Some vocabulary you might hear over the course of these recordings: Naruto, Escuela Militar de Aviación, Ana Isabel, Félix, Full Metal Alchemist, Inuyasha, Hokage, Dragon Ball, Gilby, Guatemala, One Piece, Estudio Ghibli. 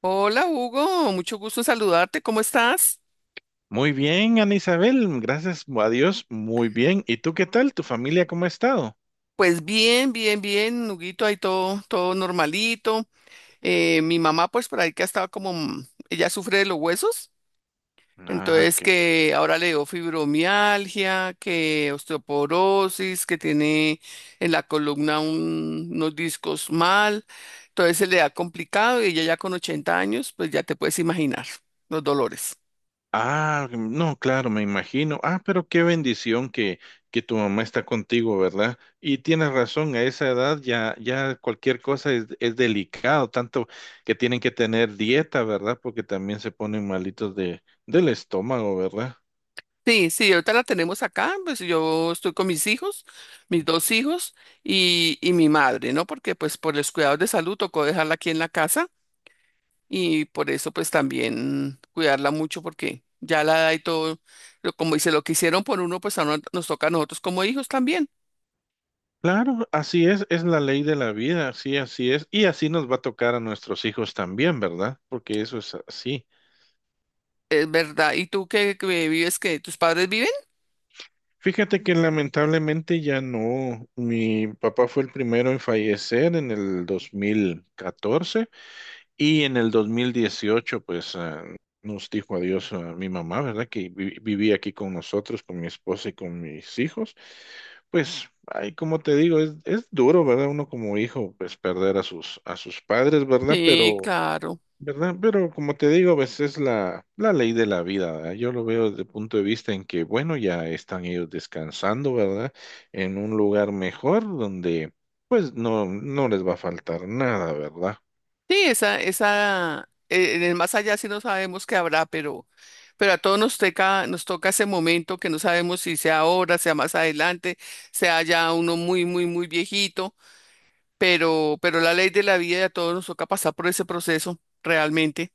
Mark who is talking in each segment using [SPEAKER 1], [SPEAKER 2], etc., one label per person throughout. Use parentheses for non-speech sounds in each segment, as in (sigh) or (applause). [SPEAKER 1] Hola Hugo, mucho gusto en saludarte, ¿cómo estás?
[SPEAKER 2] Muy bien, Ana Isabel, gracias a Dios, muy bien. ¿Y tú qué tal? ¿Tu familia cómo ha estado?
[SPEAKER 1] Pues bien, Huguito, ahí todo normalito. Mi mamá, pues por ahí que ha estado ella sufre de los huesos,
[SPEAKER 2] Ah,
[SPEAKER 1] entonces
[SPEAKER 2] ok.
[SPEAKER 1] que ahora le dio fibromialgia, que osteoporosis, que tiene en la columna unos discos mal, entonces se le ha complicado y ella ya con 80 años, pues ya te puedes imaginar los dolores.
[SPEAKER 2] Ah, no, claro, me imagino. Ah, pero qué bendición que tu mamá está contigo, ¿verdad? Y tienes razón, a esa edad ya, ya cualquier cosa es delicado, tanto que tienen que tener dieta, ¿verdad? Porque también se ponen malitos del estómago, ¿verdad?
[SPEAKER 1] Sí, sí, ahorita la tenemos acá. Pues yo estoy con mis hijos, mis dos hijos y mi madre, ¿no? Porque pues por los cuidados de salud tocó dejarla aquí en la casa y por eso pues también cuidarla mucho porque ya la edad y todo, como dice, lo que hicieron por uno, pues ahora nos toca a nosotros como hijos también.
[SPEAKER 2] Claro, así es la ley de la vida, así, así es, y así nos va a tocar a nuestros hijos también, ¿verdad? Porque eso es así.
[SPEAKER 1] Es verdad. ¿Y tú qué, qué vives? ¿Qué? ¿Tus padres viven?
[SPEAKER 2] Fíjate que lamentablemente ya no. Mi papá fue el primero en fallecer en el 2014 y en el 2018 pues nos dijo adiós a mi mamá, ¿verdad? Que vivía aquí con nosotros, con mi esposa y con mis hijos. Pues, ay, como te digo, es duro, ¿verdad? Uno como hijo pues perder a sus padres, ¿verdad?
[SPEAKER 1] Sí,
[SPEAKER 2] Pero
[SPEAKER 1] claro.
[SPEAKER 2] ¿verdad? Pero como te digo, pues es la ley de la vida, ¿verdad? Yo lo veo desde el punto de vista en que, bueno, ya están ellos descansando, ¿verdad? En un lugar mejor donde, pues, no les va a faltar nada, ¿verdad?
[SPEAKER 1] Sí, en el más allá sí no sabemos qué habrá, pero a todos nos toca ese momento, que no sabemos si sea ahora, sea más adelante, sea ya uno muy viejito. Pero la ley de la vida, y a todos nos toca pasar por ese proceso realmente.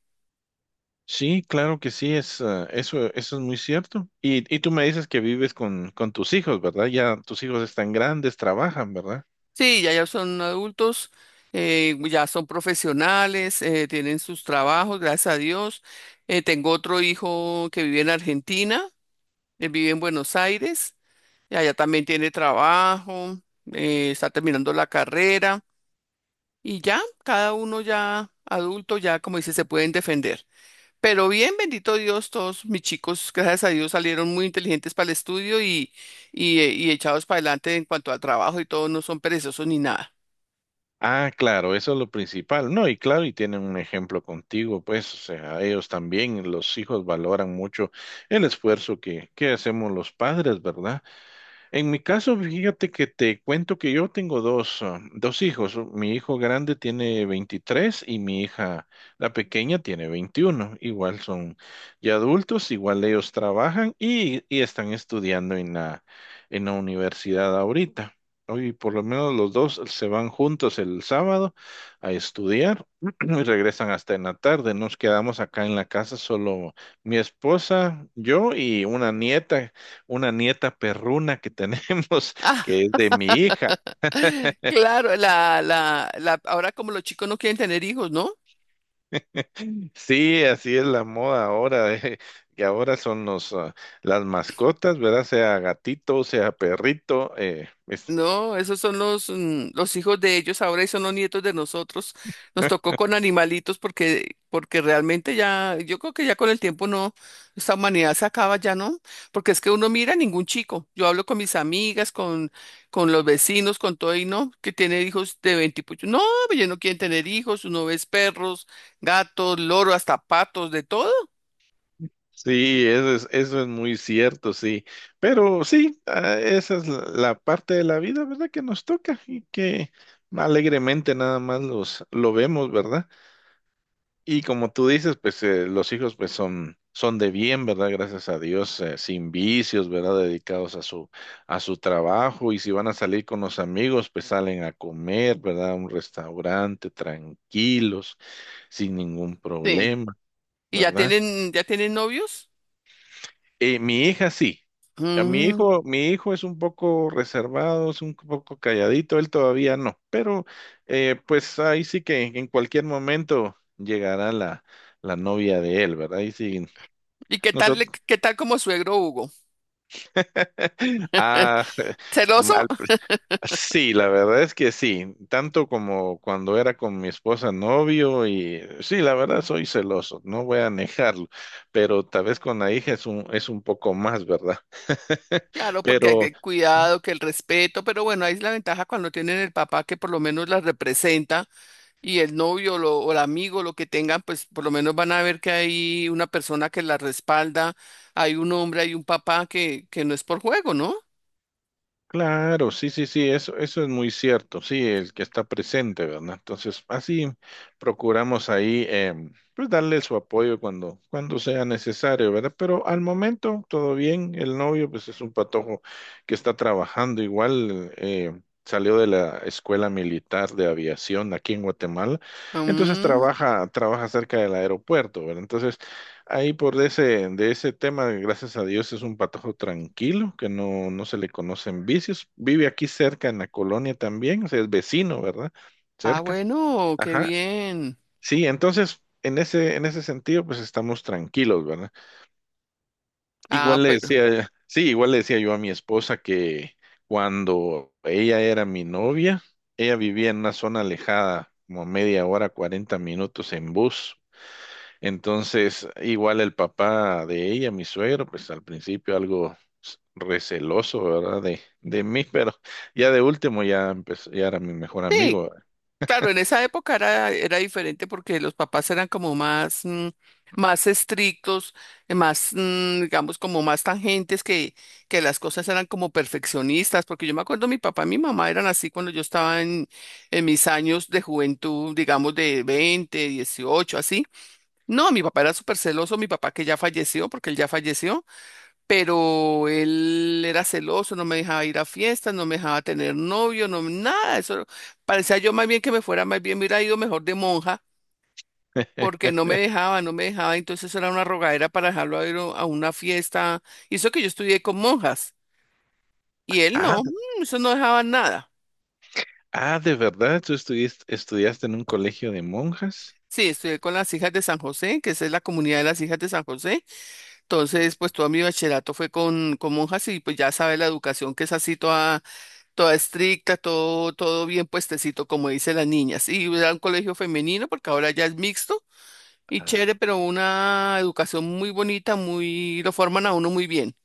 [SPEAKER 2] Sí, claro que sí, eso es muy cierto. Y tú me dices que vives con tus hijos, ¿verdad? Ya tus hijos están grandes, trabajan, ¿verdad?
[SPEAKER 1] Sí, ya son adultos, ya son profesionales, tienen sus trabajos, gracias a Dios. Tengo otro hijo que vive en Argentina, él vive en Buenos Aires, y allá también tiene trabajo. Está terminando la carrera y ya, cada uno ya adulto, ya como dice, se pueden defender. Pero bien, bendito Dios, todos mis chicos, gracias a Dios, salieron muy inteligentes para el estudio y echados para adelante en cuanto al trabajo y todo, no son perezosos ni nada.
[SPEAKER 2] Ah, claro, eso es lo principal. No, y claro, y tienen un ejemplo contigo, pues, o sea, ellos también, los hijos valoran mucho el esfuerzo que hacemos los padres, ¿verdad? En mi caso, fíjate que te cuento que yo tengo dos hijos. Mi hijo grande tiene 23 y mi hija, la pequeña, tiene 21. Igual son ya adultos, igual ellos trabajan y están estudiando en la universidad ahorita. Hoy por lo menos los dos se van juntos el sábado a estudiar (clears throat) y regresan hasta en la tarde. Nos quedamos acá en la casa solo mi esposa, yo y una nieta perruna que tenemos, (laughs)
[SPEAKER 1] Ah,
[SPEAKER 2] que es de mi hija.
[SPEAKER 1] (laughs) claro, ahora como los chicos no quieren tener hijos, ¿no?
[SPEAKER 2] Sí, así es la moda ahora, que ahora son las mascotas, ¿verdad? Sea gatito, sea perrito.
[SPEAKER 1] No, esos son los hijos de ellos ahora y son los nietos de nosotros. Nos tocó con animalitos porque realmente ya, yo creo que ya con el tiempo no, esta humanidad se acaba ya, ¿no? Porque es que uno mira ningún chico. Yo hablo con mis amigas, con los vecinos, con todo y no, que tiene hijos de 20 y pucho. No, pues ya no quieren tener hijos, uno ves perros, gatos, loros, hasta patos, de todo.
[SPEAKER 2] Sí, eso es muy cierto, sí. Pero sí, esa es la parte de la vida, ¿verdad? Que nos toca y que alegremente nada más lo vemos, ¿verdad? Y como tú dices, pues los hijos pues son de bien, ¿verdad? Gracias a Dios, sin vicios, ¿verdad? Dedicados a su trabajo y si van a salir con los amigos, pues salen a comer, ¿verdad? A un restaurante tranquilos, sin ningún
[SPEAKER 1] Sí.
[SPEAKER 2] problema,
[SPEAKER 1] Y
[SPEAKER 2] ¿verdad?
[SPEAKER 1] ya tienen novios.
[SPEAKER 2] Mi hija sí. A
[SPEAKER 1] Mm.
[SPEAKER 2] mi hijo es un poco reservado, es un poco calladito, él todavía no, pero pues ahí sí que en cualquier momento llegará la novia de él, ¿verdad? Ahí sí
[SPEAKER 1] ¿Y qué tal,
[SPEAKER 2] Nosotros,
[SPEAKER 1] qué tal como suegro, Hugo?
[SPEAKER 2] (laughs) ah, (laughs)
[SPEAKER 1] ¿Celoso?
[SPEAKER 2] al pr- sí, la verdad es que sí, tanto como cuando era con mi esposa novio y sí, la verdad soy celoso, no voy a negarlo, pero tal vez con la hija es un poco más, ¿verdad? (laughs)
[SPEAKER 1] Claro, porque hay
[SPEAKER 2] Pero
[SPEAKER 1] que cuidado, que el respeto, pero bueno, ahí es la ventaja cuando tienen el papá que por lo menos las representa, y el novio o el amigo, lo que tengan, pues por lo menos van a ver que hay una persona que la respalda, hay un hombre, hay un papá que no es por juego, ¿no?
[SPEAKER 2] claro, sí, sí, sí, eso es muy cierto, sí, el que está presente, ¿verdad? Entonces, así procuramos ahí, pues darle su apoyo cuando sea necesario, ¿verdad? Pero al momento, todo bien, el novio, pues es un patojo que está trabajando igual, salió de la Escuela Militar de Aviación aquí en Guatemala, entonces
[SPEAKER 1] Mm,
[SPEAKER 2] trabaja cerca del aeropuerto, ¿verdad? Entonces, ahí por de ese tema, gracias a Dios, es un patojo tranquilo, que no se le conocen vicios. Vive aquí cerca en la colonia también, o sea, es vecino, ¿verdad?
[SPEAKER 1] ah,
[SPEAKER 2] Cerca.
[SPEAKER 1] bueno, qué
[SPEAKER 2] Ajá.
[SPEAKER 1] bien.
[SPEAKER 2] Sí, entonces, en ese sentido, pues estamos tranquilos, ¿verdad?
[SPEAKER 1] Ah,
[SPEAKER 2] Igual le
[SPEAKER 1] pero
[SPEAKER 2] decía, sí, igual le decía yo a mi esposa que cuando ella era mi novia, ella vivía en una zona alejada, como a media hora, 40 minutos en bus. Entonces, igual el papá de ella, mi suegro, pues al principio algo receloso, ¿verdad? De mí, (laughs) pero ya de último ya empezó, ya era mi mejor
[SPEAKER 1] sí.
[SPEAKER 2] amigo.
[SPEAKER 1] Claro, en esa época era, era diferente porque los papás eran como más estrictos, digamos, como más tangentes, que las cosas eran como perfeccionistas, porque yo me acuerdo mi papá y mi mamá eran así cuando yo estaba en mis años de juventud, digamos, de 20, 18, así. No, mi papá era súper celoso, mi papá que ya falleció, porque él ya falleció, pero él era celoso, no me dejaba ir a fiestas, no me dejaba tener novio, no, nada. Eso parecía yo, más bien que me fuera, más bien me hubiera ido mejor de monja, porque no me
[SPEAKER 2] (laughs)
[SPEAKER 1] dejaba, no me dejaba, entonces era una rogadera para dejarlo ir a una fiesta. Y eso que yo estudié con monjas, y él
[SPEAKER 2] Ah,
[SPEAKER 1] no,
[SPEAKER 2] de-
[SPEAKER 1] eso no dejaba nada.
[SPEAKER 2] de verdad, tú estudiaste en un colegio de monjas.
[SPEAKER 1] Sí, estudié con las hijas de San José, que esa es la comunidad de las hijas de San José. Entonces, pues todo mi bachillerato fue con monjas y pues ya sabe, la educación que es así toda. Toda estricta, todo, todo bien puestecito, como dicen las niñas. Y era un colegio femenino, porque ahora ya es mixto y chévere, pero una educación muy bonita, muy, lo forman a uno muy bien.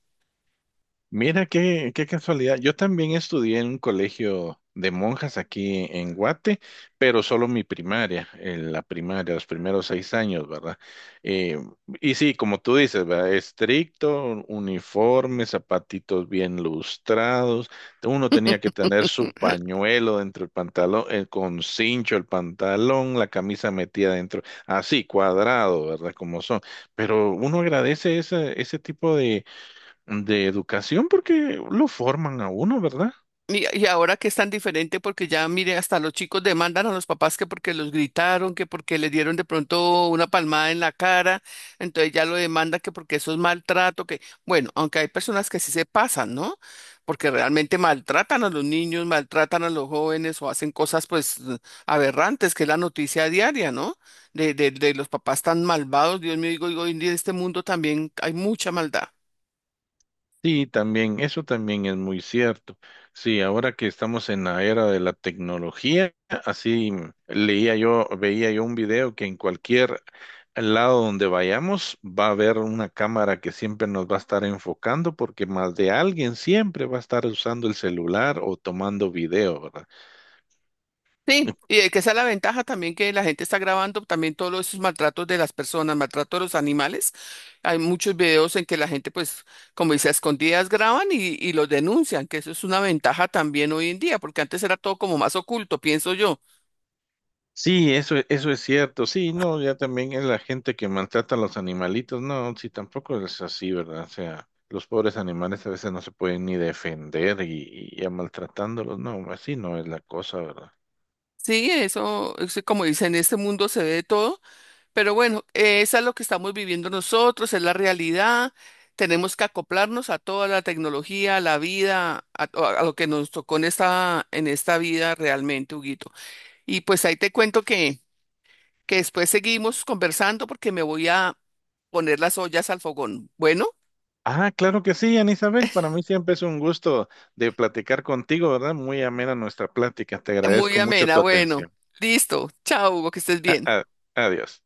[SPEAKER 2] Mira qué, casualidad. Yo también estudié en un colegio de monjas aquí en Guate, pero solo mi primaria, en la primaria, los primeros 6 años, ¿verdad? Eh, y sí, como tú dices, ¿verdad? Estricto, uniforme, zapatitos bien lustrados. Uno tenía que tener su pañuelo dentro del pantalón, con cincho el pantalón, la camisa metida dentro, así, cuadrado, ¿verdad? Como son. Pero uno agradece ese tipo de educación porque lo forman a uno, ¿verdad?
[SPEAKER 1] Y ahora que es tan diferente porque ya, mire, hasta los chicos demandan a los papás que porque los gritaron, que porque les dieron de pronto una palmada en la cara, entonces ya lo demanda que porque eso es maltrato, que bueno, aunque hay personas que sí se pasan, ¿no? Porque realmente maltratan a los niños, maltratan a los jóvenes o hacen cosas pues aberrantes, que es la noticia diaria, ¿no? De los papás tan malvados, Dios mío, digo, hoy en día en este mundo también hay mucha maldad.
[SPEAKER 2] Sí, también, eso también es muy cierto. Sí, ahora que estamos en la era de la tecnología, así leía yo, veía yo un video que en cualquier lado donde vayamos va a haber una cámara que siempre nos va a estar enfocando porque más de alguien siempre va a estar usando el celular o tomando video, ¿verdad?
[SPEAKER 1] Sí, que esa es la ventaja también, que la gente está grabando también todos esos maltratos de las personas, maltrato de los animales. Hay muchos videos en que la gente, pues, como dice, a escondidas graban y los denuncian, que eso es una ventaja también hoy en día, porque antes era todo como más oculto, pienso yo.
[SPEAKER 2] Sí, eso es cierto. Sí, no, ya también es la gente que maltrata a los animalitos. No, sí, tampoco es así, ¿verdad? O sea, los pobres animales a veces no se pueden ni defender y ya maltratándolos. No, así no es la cosa, ¿verdad?
[SPEAKER 1] Sí, eso, como dice, en este mundo se ve de todo, pero bueno, esa es lo que estamos viviendo nosotros, es la realidad. Tenemos que acoplarnos a toda la tecnología, a la vida, a lo que nos tocó en en esta vida realmente, Huguito. Y pues ahí te cuento que después seguimos conversando porque me voy a poner las ollas al fogón. Bueno,
[SPEAKER 2] Ah, claro que sí, Ana Isabel. Para mí siempre es un gusto de platicar contigo, ¿verdad? Muy amena nuestra plática. Te
[SPEAKER 1] muy
[SPEAKER 2] agradezco mucho
[SPEAKER 1] amena,
[SPEAKER 2] tu
[SPEAKER 1] bueno.
[SPEAKER 2] atención.
[SPEAKER 1] Listo. Chao, Hugo, que estés
[SPEAKER 2] A-
[SPEAKER 1] bien.
[SPEAKER 2] a- Adiós.